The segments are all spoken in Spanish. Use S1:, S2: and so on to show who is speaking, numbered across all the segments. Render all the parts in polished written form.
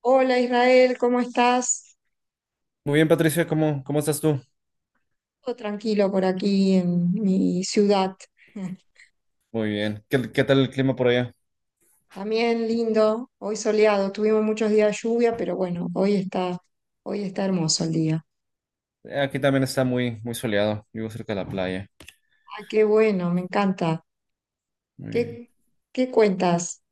S1: Hola Israel, ¿cómo estás?
S2: Muy bien, Patricia, ¿cómo estás tú?
S1: Todo tranquilo por aquí en mi ciudad.
S2: Muy bien. ¿Qué tal el clima por allá?
S1: También lindo, hoy soleado. Tuvimos muchos días de lluvia, pero bueno, hoy está hermoso el día.
S2: Aquí también está muy soleado. Vivo cerca de la playa.
S1: Ah, qué bueno, me encanta.
S2: Muy bien.
S1: ¿Qué, ¿qué cuentas?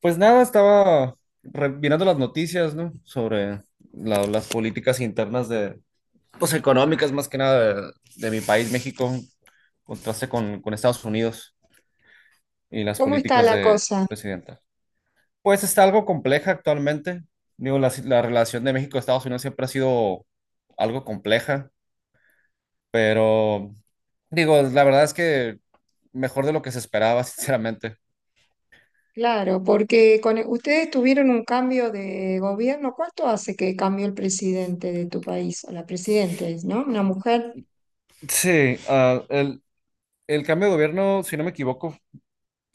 S2: Pues nada, estaba mirando las noticias, ¿no? Sobre las políticas internas de, pues económicas más que nada de mi país, México, en contraste con Estados Unidos y las
S1: ¿Cómo está
S2: políticas
S1: la
S2: de
S1: cosa?
S2: presidenta. Pues está algo compleja actualmente. Digo, la relación de México-Estados Unidos siempre ha sido algo compleja, pero digo, la verdad es que mejor de lo que se esperaba, sinceramente.
S1: Claro, porque ustedes tuvieron un cambio de gobierno. ¿Cuánto hace que cambió el presidente de tu país? O la presidenta es, ¿no? Una mujer
S2: Sí, el cambio de gobierno, si no me equivoco,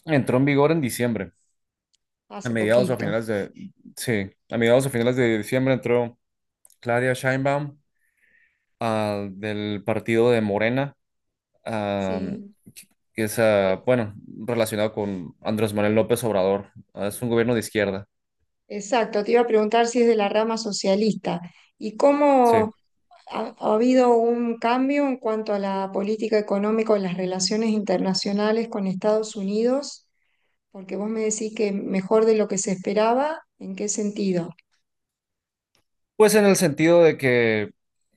S2: entró en vigor en diciembre, a
S1: hace
S2: mediados o a
S1: poquito.
S2: finales de, sí, a mediados o finales de diciembre entró Claudia Sheinbaum, del partido de Morena, ah,
S1: Sí.
S2: que es,
S1: Eh,
S2: bueno, relacionado con Andrés Manuel López Obrador. Ah, es un gobierno de izquierda,
S1: Exacto, te iba a preguntar si es de la rama socialista y
S2: sí.
S1: cómo ha habido un cambio en cuanto a la política económica o las relaciones internacionales con Estados Unidos, porque vos me decís que mejor de lo que se esperaba, ¿en qué sentido?
S2: Pues en el sentido de que,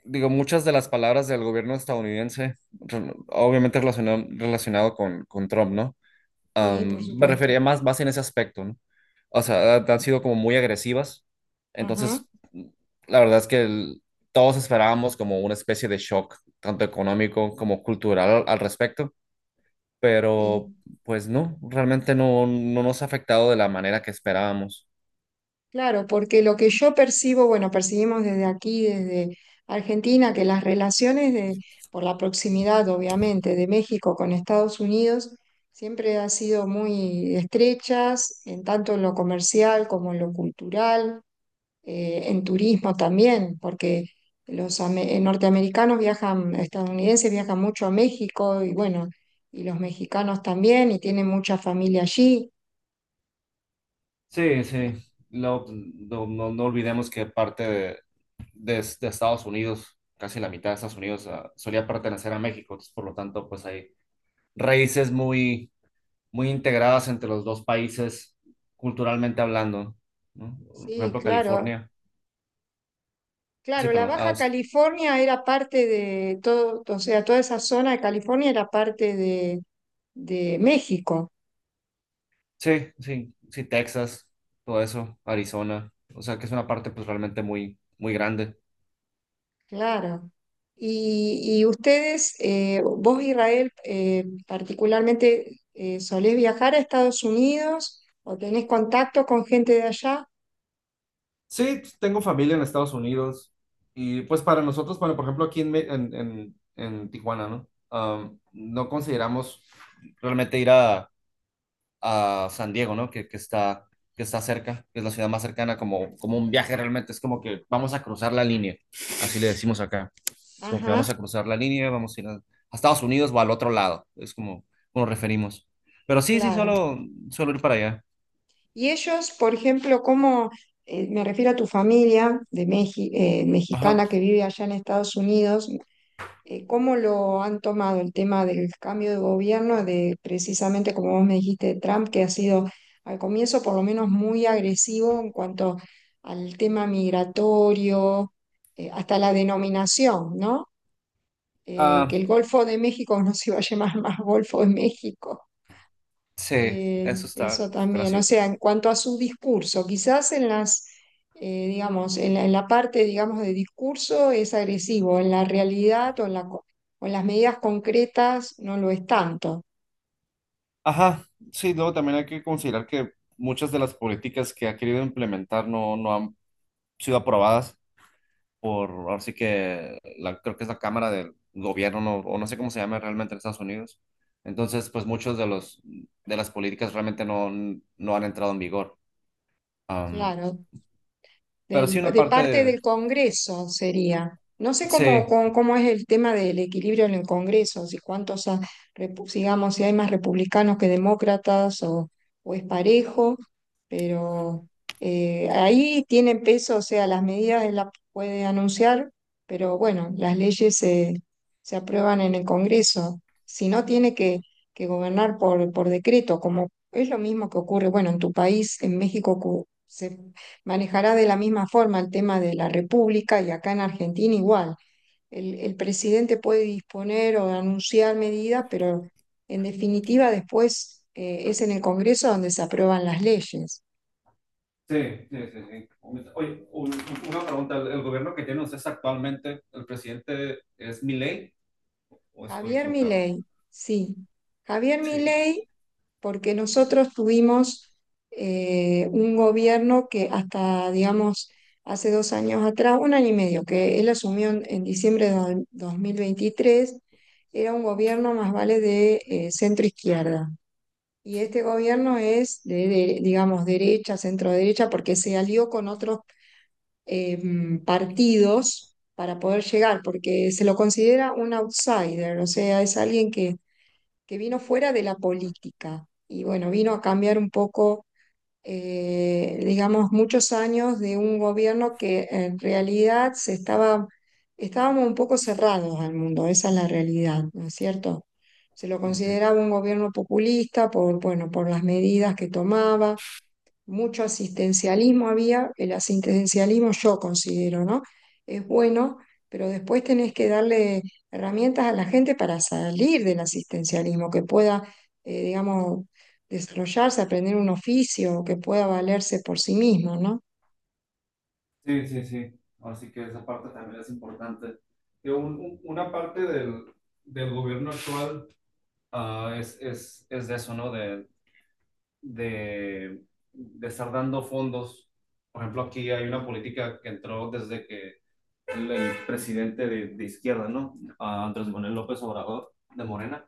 S2: digo, muchas de las palabras del gobierno estadounidense, obviamente relacionado con Trump, ¿no?
S1: Sí, por
S2: Me refería
S1: supuesto.
S2: más en ese aspecto, ¿no? O sea, han sido como muy agresivas.
S1: Ajá,
S2: Entonces, la verdad es que todos esperábamos como una especie de shock, tanto económico como cultural al respecto, pero
S1: sí.
S2: pues no, realmente no, no nos ha afectado de la manera que esperábamos.
S1: Claro, porque lo que yo percibo, bueno, percibimos desde aquí, desde Argentina, que por la proximidad, obviamente, de México con Estados Unidos siempre han sido muy estrechas, en tanto en lo comercial como en lo cultural, en turismo también, porque norteamericanos viajan, estadounidenses viajan mucho a México y bueno, y los mexicanos también, y tienen mucha familia allí.
S2: Sí, sí. No, no, no olvidemos que parte de, de Estados Unidos, casi la mitad de Estados Unidos solía pertenecer a México, entonces, por lo tanto, pues hay raíces muy, muy integradas entre los dos países culturalmente hablando, ¿no? Por
S1: Sí,
S2: ejemplo,
S1: claro.
S2: California, sí,
S1: Claro, la
S2: perdón, ah,
S1: Baja California era parte de todo, o sea, toda esa zona de California de México,
S2: sí, sí, sí, Texas, todo eso, Arizona, o sea que es una parte pues realmente muy, muy grande.
S1: claro. Y ustedes, vos Israel, particularmente, ¿solés viajar a Estados Unidos o tenés contacto con gente de allá?
S2: Sí, tengo familia en Estados Unidos y pues para nosotros, bueno, por ejemplo, aquí en, en, en Tijuana, ¿no? Am, no consideramos realmente ir a San Diego, ¿no? Que está cerca, que es la ciudad más cercana, como, como un viaje realmente, es como que vamos a cruzar la línea, así le decimos acá, es como que vamos a
S1: Ajá,
S2: cruzar la línea, vamos a ir a Estados Unidos o al otro lado, es como, como nos referimos. Pero sí, sí,
S1: claro.
S2: solo ir para allá.
S1: Y ellos, por ejemplo, me refiero a tu familia de
S2: Ajá.
S1: mexicana que vive allá en Estados Unidos, ¿cómo lo han tomado el tema del cambio de gobierno, de precisamente como vos me dijiste, Trump, que ha sido al comienzo por lo menos muy agresivo en cuanto al tema migratorio, hasta la denominación, ¿no? Que
S2: Ah,
S1: el Golfo de México no se iba a llamar más Golfo de México,
S2: sí, eso está
S1: eso también, o
S2: gracioso.
S1: sea, en cuanto a su discurso, digamos, en la parte, digamos, de discurso es agresivo, en la realidad o en las medidas concretas no lo es tanto,
S2: Ajá, sí, luego también hay que considerar que muchas de las políticas que ha querido implementar no, no han sido aprobadas por, ahora sí que la, creo que es la Cámara del Gobierno, no, o no sé cómo se llama realmente en Estados Unidos. Entonces, pues muchos de los, de las políticas realmente no, no han entrado en vigor. Am,
S1: claro.
S2: pero sí una
S1: De
S2: parte
S1: parte
S2: de...
S1: del Congreso sería. No sé
S2: Sí.
S1: cómo es el tema del equilibrio en el Congreso, si digamos, si hay más republicanos que demócratas o es parejo, pero ahí tienen peso, o sea, las medidas él las puede anunciar, pero bueno, se aprueban en el Congreso. Si no, que gobernar por decreto, como es lo mismo que ocurre, bueno, en tu país, en México, se manejará de la misma forma el tema de la República y acá en Argentina igual. El presidente puede disponer o anunciar medidas, pero en definitiva después es en el Congreso donde se aprueban las leyes.
S2: Sí, sí, sí, sí. Oye, una pregunta. ¿El gobierno que tienen ustedes actualmente, el presidente es Milei o estoy
S1: Javier
S2: equivocado?
S1: Milei, sí. Javier
S2: Sí. ¿Y qué?
S1: Milei porque nosotros tuvimos un gobierno que hasta, digamos, hace dos años atrás, un año y medio, que él asumió en diciembre de 2023, era un gobierno más vale de centro-izquierda. Y este gobierno es digamos, derecha, centro-derecha, porque se alió con otros eh, partidos para poder llegar, porque se lo considera un outsider, o sea, es alguien que vino fuera de la política y bueno, vino a cambiar un poco, digamos, muchos años de un gobierno que en realidad estábamos un poco cerrados al mundo, esa es la realidad, ¿no es cierto? Se lo
S2: Ok.
S1: consideraba un gobierno populista por, bueno, por las medidas que tomaba mucho asistencialismo había, el asistencialismo yo considero, ¿no? Es bueno, pero después tenés que darle herramientas a la gente para salir del asistencialismo, digamos, desarrollarse, aprender un oficio, que pueda valerse por sí mismo, ¿no?
S2: Sí, sí, sí. Así que esa parte también es importante. Que una parte del gobierno actual es de eso, ¿no? De, de estar dando fondos. Por ejemplo, aquí hay una política que entró desde que el presidente de izquierda, ¿no? Ah, Andrés Manuel López Obrador, de Morena,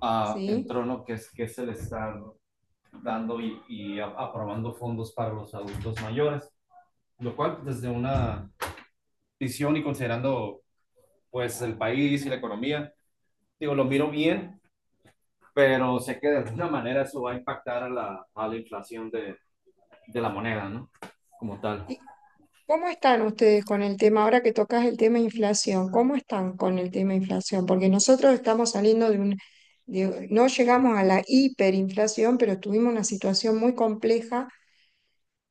S2: ah,
S1: ¿Sí?
S2: entró, ¿no? Que es el estar dando y aprobando fondos para los adultos mayores, lo cual pues, desde una visión y considerando pues el país y la economía, digo, lo miro bien, pero sé que de alguna manera eso va a impactar a a la inflación de la moneda, ¿no? Como tal.
S1: Y ¿cómo están ustedes con el tema, ahora que tocas el tema inflación? ¿Cómo están con el tema inflación? Porque nosotros estamos saliendo no llegamos a la hiperinflación, pero tuvimos una situación muy compleja.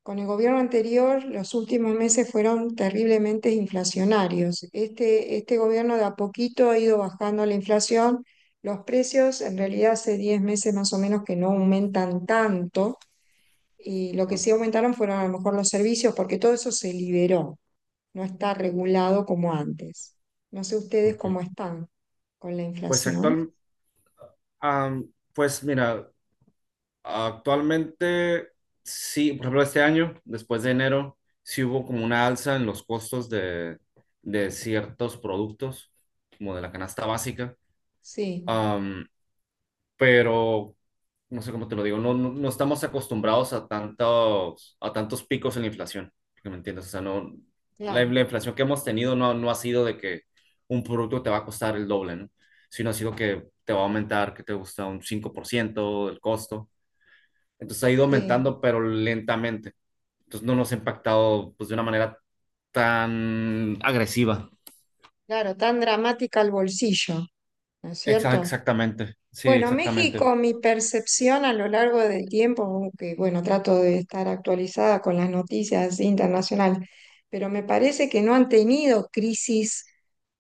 S1: Con el gobierno anterior, los últimos meses fueron terriblemente inflacionarios. Este gobierno de a poquito ha ido bajando la inflación. Los precios, en realidad, hace 10 meses más o menos que no aumentan tanto. Y lo que sí aumentaron fueron a lo mejor los servicios, porque todo eso se liberó no está regulado como antes. No sé ustedes
S2: Ok.
S1: cómo están con la
S2: Pues
S1: inflación.
S2: actual, am, pues mira, actualmente sí, por ejemplo, este año, después de enero, sí hubo como una alza en los costos de ciertos productos, como de la canasta básica.
S1: Sí,
S2: Pero no sé cómo te lo digo, no, no, no estamos acostumbrados a tantos picos en la inflación, que me entiendes, o sea, no, la,
S1: claro,
S2: la inflación que hemos tenido no, no ha sido de que un producto te va a costar el doble, ¿no? Sino ha sido que te va a aumentar, que te gusta un 5% del costo, entonces ha ido
S1: sí,
S2: aumentando, pero lentamente, entonces no nos ha impactado pues, de una manera tan agresiva.
S1: claro, tan dramática el bolsillo, ¿no es cierto?
S2: Exactamente, sí,
S1: Bueno,
S2: exactamente.
S1: México, mi percepción a lo largo del tiempo, aunque bueno, trato de estar actualizada con las noticias internacionales, pero me parece que no han tenido crisis,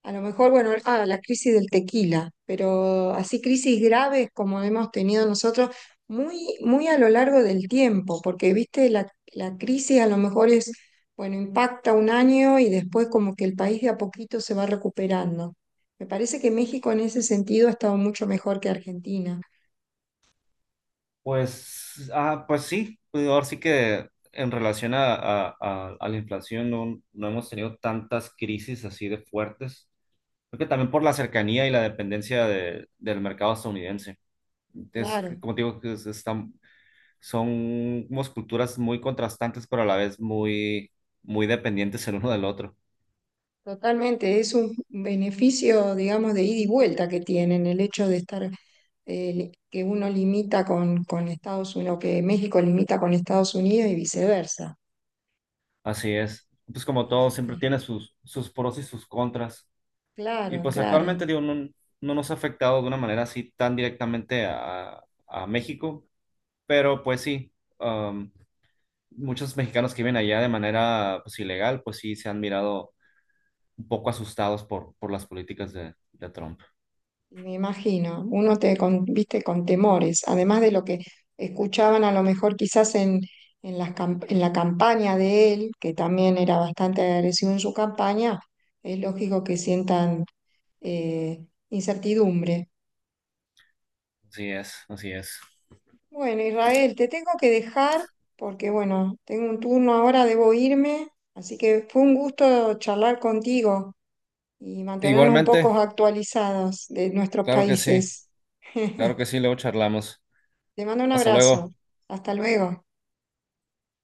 S1: a lo mejor, bueno, ah, la crisis del tequila, pero así crisis graves como hemos tenido nosotros, muy, muy a lo largo del tiempo, porque viste, la crisis a lo mejor es, bueno, impacta un año y después como que el país de a poquito se va recuperando. Me parece que México en ese sentido ha estado mucho mejor que Argentina.
S2: Pues, ah, pues sí, pues ahora sí que en relación a, a la inflación no, no hemos tenido tantas crisis así de fuertes. Creo que también por la cercanía y la dependencia del mercado estadounidense. Es, que,
S1: Claro,
S2: como te digo, que están, son somos culturas muy contrastantes, pero a la vez muy, muy dependientes el uno del otro.
S1: totalmente. Es un beneficio, digamos, de ida y vuelta que tienen el hecho de estar, que uno limita con Estados Unidos, que México limita con Estados Unidos y viceversa.
S2: Así es. Pues como todo,
S1: Así que,
S2: siempre tiene sus, sus pros y sus contras. Y
S1: claro,
S2: pues
S1: claro.
S2: actualmente, digo, no, no nos ha afectado de una manera así tan directamente a México, pero pues sí, um, muchos mexicanos que viven allá de manera pues ilegal, pues sí se han mirado un poco asustados por las políticas de Trump.
S1: Y me imagino, viste con temores, además de lo que escuchaban a lo mejor quizás en en la campaña de él, que también era bastante agresivo en su campaña, es lógico que sientan eh, incertidumbre.
S2: Así es, así es.
S1: Bueno, Israel, te tengo que dejar porque bueno, tengo un turno ahora, debo irme, así que fue un gusto charlar contigo y mantenernos un poco
S2: Igualmente,
S1: actualizados de nuestros
S2: claro que sí,
S1: países.
S2: claro que sí, luego charlamos.
S1: Te mando un
S2: Hasta
S1: abrazo.
S2: luego.
S1: Hasta luego.